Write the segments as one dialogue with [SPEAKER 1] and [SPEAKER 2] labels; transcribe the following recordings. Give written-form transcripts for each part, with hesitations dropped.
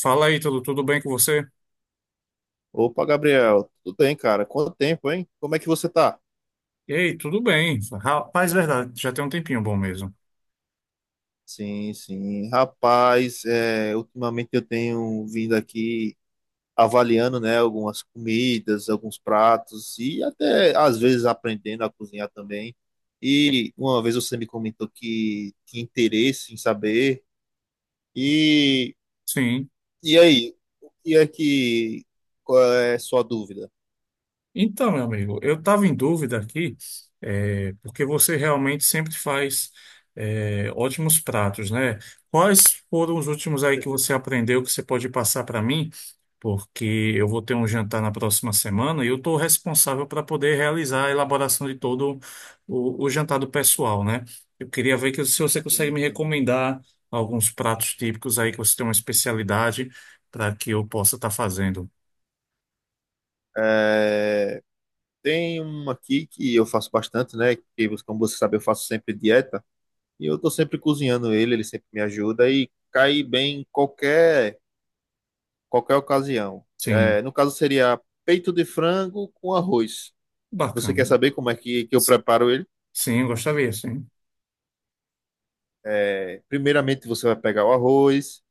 [SPEAKER 1] Fala aí, tudo bem com você?
[SPEAKER 2] Opa, Gabriel, tudo bem, cara? Quanto tempo, hein? Como é que você tá?
[SPEAKER 1] Ei, tudo bem. Rapaz, verdade, já tem um tempinho bom mesmo.
[SPEAKER 2] Sim, sim. Rapaz, ultimamente eu tenho vindo aqui avaliando, né, algumas comidas, alguns pratos e até às vezes aprendendo a cozinhar também. E uma vez você me comentou que tinha interesse em saber. E,
[SPEAKER 1] Sim.
[SPEAKER 2] e aí, o que é que, qual é a sua dúvida?
[SPEAKER 1] Então, meu amigo, eu estava em dúvida aqui, porque você realmente sempre faz, ótimos pratos, né? Quais foram os últimos aí que você aprendeu que você pode passar para mim? Porque eu vou ter um jantar na próxima semana e eu estou responsável para poder realizar a elaboração de todo o jantar do pessoal, né? Eu queria ver que, se você consegue me
[SPEAKER 2] Sim, amigo.
[SPEAKER 1] recomendar alguns pratos típicos aí que você tem uma especialidade para que eu possa estar fazendo.
[SPEAKER 2] Tem uma aqui que eu faço bastante, né? Que, como você sabe, eu faço sempre dieta. E eu tô sempre cozinhando ele sempre me ajuda e cai bem em qualquer ocasião.
[SPEAKER 1] Sim,
[SPEAKER 2] No caso, seria peito de frango com arroz. Você quer
[SPEAKER 1] bacana.
[SPEAKER 2] saber como é que eu preparo ele?
[SPEAKER 1] Sim, eu gostaria, sim.
[SPEAKER 2] Primeiramente, você vai pegar o arroz,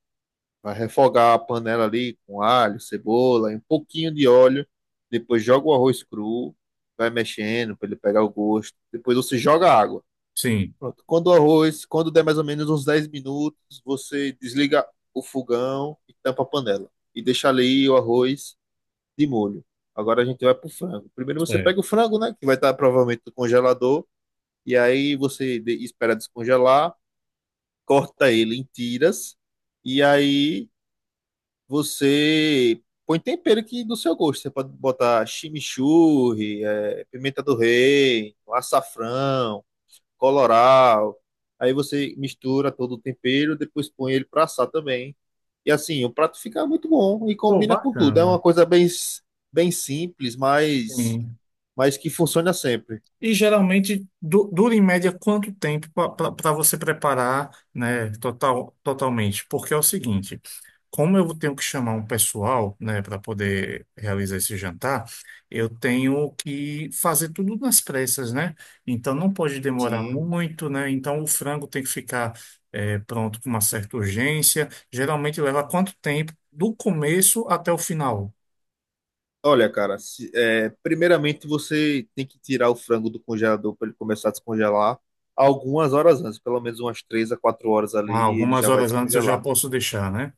[SPEAKER 2] vai refogar a panela ali com alho, cebola, e um pouquinho de óleo. Depois, joga o arroz cru, vai mexendo para ele pegar o gosto. Depois, você joga água.
[SPEAKER 1] Sim,
[SPEAKER 2] Pronto. Quando o arroz, quando der mais ou menos uns 10 minutos, você desliga o fogão e tampa a panela. E deixa ali o arroz de molho. Agora a gente vai pro frango. Primeiro você
[SPEAKER 1] certo.
[SPEAKER 2] pega o frango, né? Que vai estar provavelmente no congelador. E aí você espera descongelar, corta ele em tiras. E aí você põe tempero que do seu gosto. Você pode botar chimichurri, pimenta do reino, açafrão coloral. Aí você mistura todo o tempero, depois põe ele para assar também. E assim, o prato fica muito bom e
[SPEAKER 1] Pô,
[SPEAKER 2] combina com tudo. É uma
[SPEAKER 1] bacana.
[SPEAKER 2] coisa bem, bem simples, mas,
[SPEAKER 1] Sim.
[SPEAKER 2] mas que funciona sempre.
[SPEAKER 1] E geralmente dura em média quanto tempo para você preparar, né, total, totalmente? Porque é o seguinte, como eu tenho que chamar um pessoal, né, para poder realizar esse jantar, eu tenho que fazer tudo nas pressas, né? Então não pode demorar
[SPEAKER 2] Sim.
[SPEAKER 1] muito, né? Então o frango tem que ficar pronto com uma certa urgência. Geralmente leva quanto tempo do começo até o final?
[SPEAKER 2] Olha, cara, primeiramente você tem que tirar o frango do congelador para ele começar a descongelar algumas horas antes, pelo menos umas 3 a 4 horas
[SPEAKER 1] Ah,
[SPEAKER 2] ali, ele
[SPEAKER 1] algumas
[SPEAKER 2] já vai
[SPEAKER 1] horas antes eu já
[SPEAKER 2] descongelar.
[SPEAKER 1] posso deixar, né?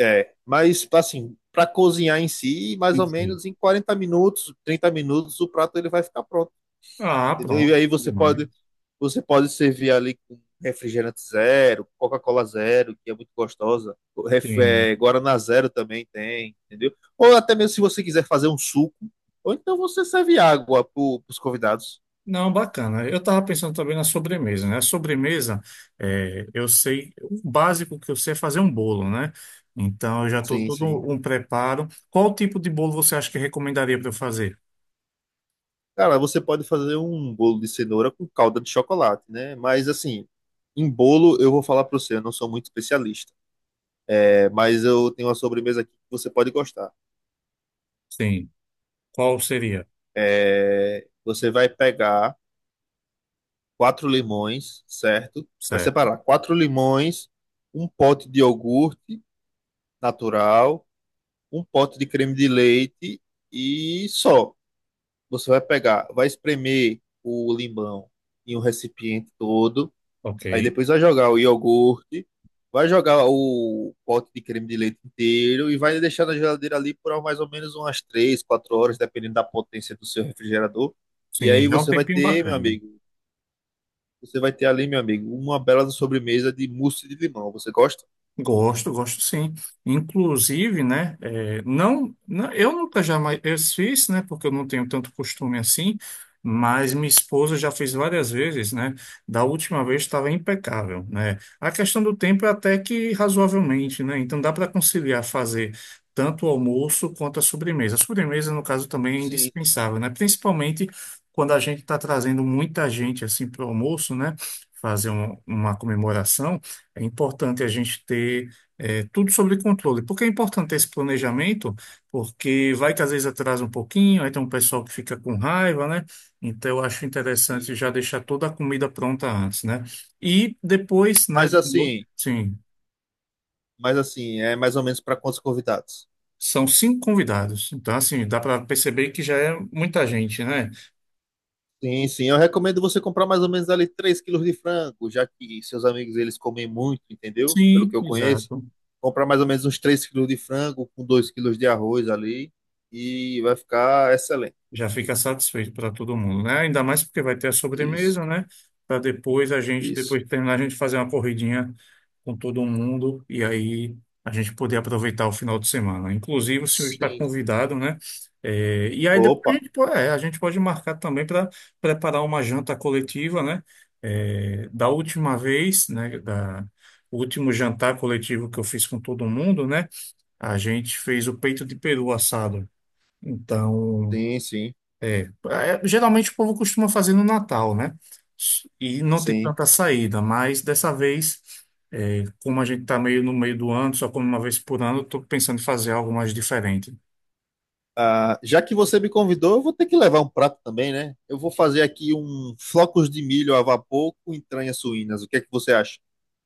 [SPEAKER 2] Mas assim, para cozinhar em si, mais ou
[SPEAKER 1] Enfim.
[SPEAKER 2] menos em 40 minutos, 30 minutos, o prato ele vai ficar pronto,
[SPEAKER 1] Ah,
[SPEAKER 2] entendeu? E
[SPEAKER 1] pronto,
[SPEAKER 2] aí
[SPEAKER 1] bom demais.
[SPEAKER 2] você pode servir ali com refrigerante zero, Coca-Cola zero, que é muito gostosa,
[SPEAKER 1] Sim.
[SPEAKER 2] Guaraná zero também tem, entendeu? Ou até mesmo se você quiser fazer um suco, ou então você serve água para os convidados.
[SPEAKER 1] Não, bacana. Eu estava pensando também na sobremesa, né? A sobremesa, eu sei, o básico que eu sei é fazer um bolo, né? Então eu já estou
[SPEAKER 2] Sim,
[SPEAKER 1] todo
[SPEAKER 2] sim.
[SPEAKER 1] um preparo. Qual tipo de bolo você acha que recomendaria para eu fazer?
[SPEAKER 2] Cara, você pode fazer um bolo de cenoura com calda de chocolate, né? Mas assim, em bolo eu vou falar para você, eu não sou muito especialista. Mas eu tenho uma sobremesa aqui que você pode gostar.
[SPEAKER 1] Sim. Qual seria?
[SPEAKER 2] Você vai pegar 4 limões, certo? Vai
[SPEAKER 1] Certo.
[SPEAKER 2] separar 4 limões, um pote de iogurte natural, um pote de creme de leite e só. Você vai pegar, vai espremer o limão em um recipiente todo.
[SPEAKER 1] Ok.
[SPEAKER 2] Aí depois vai jogar o iogurte, vai jogar o pote de creme de leite inteiro e vai deixar na geladeira ali por mais ou menos umas 3, 4 horas, dependendo da potência do seu refrigerador. E
[SPEAKER 1] Sim,
[SPEAKER 2] aí
[SPEAKER 1] já é um
[SPEAKER 2] você vai
[SPEAKER 1] tempinho
[SPEAKER 2] ter, meu
[SPEAKER 1] bacana.
[SPEAKER 2] amigo, você vai ter ali, meu amigo, uma bela sobremesa de mousse de limão. Você gosta?
[SPEAKER 1] Gosto, gosto sim. Inclusive, né, eu nunca jamais eu fiz, né, porque eu não tenho tanto costume assim, mas minha esposa já fez várias vezes, né, da última vez estava impecável, né. A questão do tempo é até que razoavelmente, né, então dá para conciliar fazer tanto o almoço quanto a sobremesa. A sobremesa, no caso, também é
[SPEAKER 2] Sim,
[SPEAKER 1] indispensável, né, principalmente quando a gente está trazendo muita gente, assim, para o almoço, né, fazer uma comemoração, é importante a gente ter tudo sobre controle. Por que é importante esse planejamento? Porque vai que às vezes atrasa um pouquinho, aí tem um pessoal que fica com raiva, né? Então eu acho interessante
[SPEAKER 2] sim.
[SPEAKER 1] já deixar toda a comida pronta antes, né? E depois, né?
[SPEAKER 2] Mas assim,
[SPEAKER 1] Sim,
[SPEAKER 2] mas assim, é mais ou menos para quantos convidados?
[SPEAKER 1] são cinco convidados. Então, assim, dá para perceber que já é muita gente, né?
[SPEAKER 2] Sim, sim. Eu recomendo você comprar mais ou menos ali 3 quilos de frango, já que seus amigos eles comem muito, entendeu? Pelo que
[SPEAKER 1] Sim,
[SPEAKER 2] eu conheço.
[SPEAKER 1] exato.
[SPEAKER 2] Comprar mais ou menos uns 3 quilos de frango com 2 quilos de arroz ali e vai ficar excelente.
[SPEAKER 1] Já fica satisfeito para todo mundo, né? Ainda mais porque vai ter a
[SPEAKER 2] Isso,
[SPEAKER 1] sobremesa, né? Para depois a gente,
[SPEAKER 2] isso.
[SPEAKER 1] depois de terminar, a gente fazer uma corridinha com todo mundo e aí a gente poder aproveitar o final de semana. Inclusive, o senhor está
[SPEAKER 2] Sim, sim.
[SPEAKER 1] convidado, né? É, e aí depois a
[SPEAKER 2] Opa,
[SPEAKER 1] gente, a gente pode marcar também para preparar uma janta coletiva, né? É, da última vez, né? Da, o último jantar coletivo que eu fiz com todo mundo, né? A gente fez o peito de peru assado. Então.
[SPEAKER 2] sim, sim,
[SPEAKER 1] É, geralmente o povo costuma fazer no Natal, né? E não tem
[SPEAKER 2] sim.
[SPEAKER 1] tanta saída, mas dessa vez, como a gente tá meio no meio do ano, só come uma vez por ano, eu tô pensando em fazer algo mais diferente.
[SPEAKER 2] Ah, já que você me convidou, eu vou ter que levar um prato também, né? Eu vou fazer aqui um flocos de milho a vapor com entranhas suínas. O que é que você acha?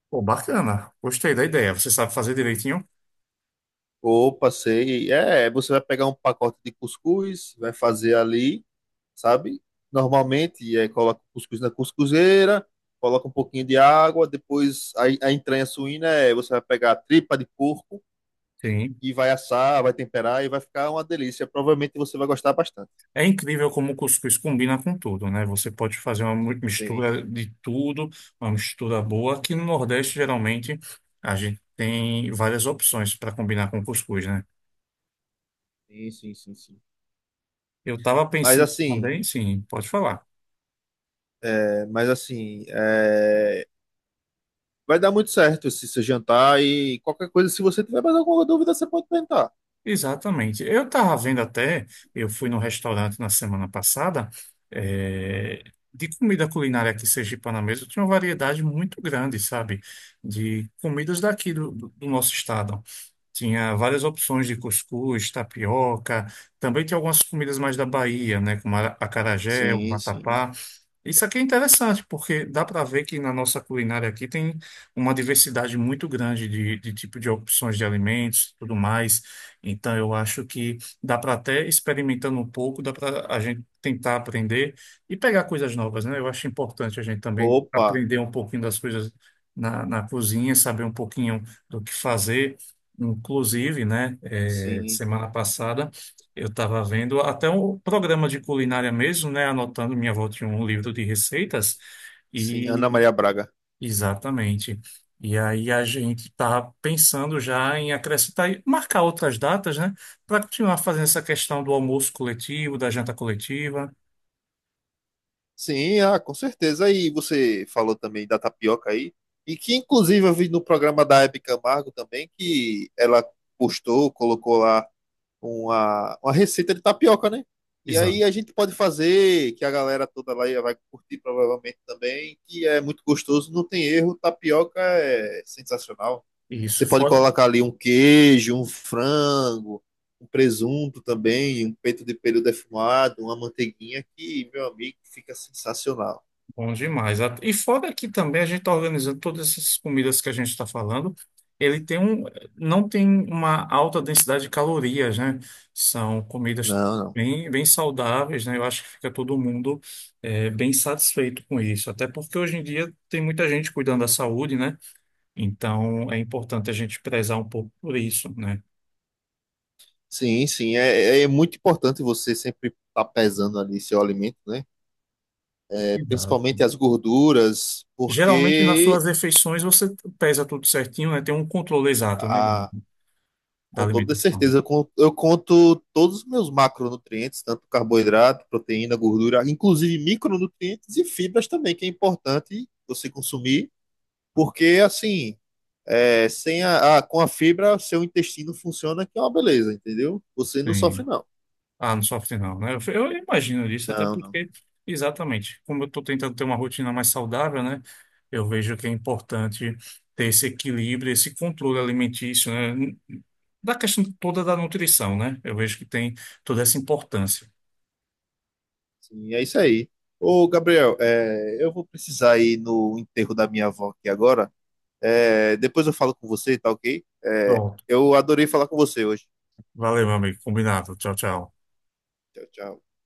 [SPEAKER 1] Pô, bacana. Gostei da ideia. Você sabe fazer direitinho?
[SPEAKER 2] Ou passei. É, você vai pegar um pacote de cuscuz, vai fazer ali, sabe? Normalmente, coloca o cuscuz na cuscuzeira, coloca um pouquinho de água, depois a entranha suína você vai pegar a tripa de porco
[SPEAKER 1] Sim.
[SPEAKER 2] e vai assar, vai temperar e vai ficar uma delícia. Provavelmente você vai gostar bastante.
[SPEAKER 1] É incrível como o cuscuz combina com tudo, né? Você pode fazer uma
[SPEAKER 2] Sim,
[SPEAKER 1] mistura de tudo, uma mistura boa. Aqui no Nordeste, geralmente, a gente tem várias opções para combinar com cuscuz, né?
[SPEAKER 2] sim, sim, sim, sim.
[SPEAKER 1] Eu tava
[SPEAKER 2] Mas
[SPEAKER 1] pensando
[SPEAKER 2] assim,
[SPEAKER 1] também, sim, pode falar.
[SPEAKER 2] mas assim, vai dar muito certo esse seu jantar e qualquer coisa, se você tiver mais alguma dúvida, você pode perguntar.
[SPEAKER 1] Exatamente. Eu estava vendo até, eu fui num restaurante na semana passada, eh, de comida culinária aqui sergipana mesmo, tinha uma variedade muito grande, sabe? De comidas daqui do nosso estado. Tinha várias opções de cuscuz, tapioca, também tem algumas comidas mais da Bahia, né, como acarajé, o
[SPEAKER 2] Sim, sim.
[SPEAKER 1] vatapá. Isso aqui é interessante, porque dá para ver que na nossa culinária aqui tem uma diversidade muito grande de tipo de opções de alimentos e tudo mais. Então, eu acho que dá para até experimentando um pouco, dá para a gente tentar aprender e pegar coisas novas, né? Eu acho importante a gente também
[SPEAKER 2] Opa,
[SPEAKER 1] aprender um pouquinho das coisas na cozinha, saber um pouquinho do que fazer. Inclusive, né,
[SPEAKER 2] sim,
[SPEAKER 1] semana passada eu estava vendo até um programa de culinária mesmo, né, anotando minha avó tinha um livro de receitas
[SPEAKER 2] sim.
[SPEAKER 1] e
[SPEAKER 2] Ana Maria Braga.
[SPEAKER 1] exatamente. E aí a gente está pensando já em acrescentar e marcar outras datas, né, para continuar fazendo essa questão do almoço coletivo, da janta coletiva.
[SPEAKER 2] Sim, ah, com certeza. Aí você falou também da tapioca aí, e que inclusive eu vi no programa da Hebe Camargo também, que ela postou, colocou lá uma receita de tapioca, né? E aí
[SPEAKER 1] Exato.
[SPEAKER 2] a gente pode fazer, que a galera toda lá vai curtir provavelmente também, que é muito gostoso, não tem erro, tapioca é sensacional. Você
[SPEAKER 1] Isso.
[SPEAKER 2] pode
[SPEAKER 1] Fora.
[SPEAKER 2] colocar ali um queijo, um frango, um presunto também, um peito de peru defumado, uma manteiguinha que, meu amigo, fica sensacional.
[SPEAKER 1] Bom demais. E fora que também a gente está organizando todas essas comidas que a gente está falando, ele tem um, não tem uma alta densidade de calorias, né? São comidas
[SPEAKER 2] Não, não.
[SPEAKER 1] bem saudáveis, né? Eu acho que fica todo mundo bem satisfeito com isso. Até porque hoje em dia tem muita gente cuidando da saúde, né? Então é importante a gente prezar um pouco por isso, né?
[SPEAKER 2] Sim, sim, é, é muito importante você sempre estar pesando ali seu alimento, né?
[SPEAKER 1] Exato.
[SPEAKER 2] Principalmente as gorduras,
[SPEAKER 1] Geralmente nas
[SPEAKER 2] porque
[SPEAKER 1] suas refeições você pesa tudo certinho, né? Tem um controle exato, né?
[SPEAKER 2] a,
[SPEAKER 1] Da
[SPEAKER 2] com toda
[SPEAKER 1] alimentação.
[SPEAKER 2] certeza. Eu conto todos os meus macronutrientes, tanto carboidrato, proteína, gordura, inclusive micronutrientes e fibras também, que é importante você consumir, porque assim, sem com a fibra, seu intestino funciona, que é uma beleza, entendeu? Você não
[SPEAKER 1] Sim.
[SPEAKER 2] sofre, não.
[SPEAKER 1] Ah, não sofre não, né? Eu imagino isso, até
[SPEAKER 2] Não, não.
[SPEAKER 1] porque, exatamente, como eu estou tentando ter uma rotina mais saudável, né? Eu vejo que é importante ter esse equilíbrio, esse controle alimentício, né? Da questão toda da nutrição, né? Eu vejo que tem toda essa importância.
[SPEAKER 2] Sim, é isso aí. Ô, Gabriel, eu vou precisar ir no enterro da minha avó aqui agora. Depois eu falo com você, tá ok?
[SPEAKER 1] Pronto.
[SPEAKER 2] Eu adorei falar com você hoje.
[SPEAKER 1] Valeu, meu amigo. Combinado. Tchau, tchau.
[SPEAKER 2] Tchau, tchau.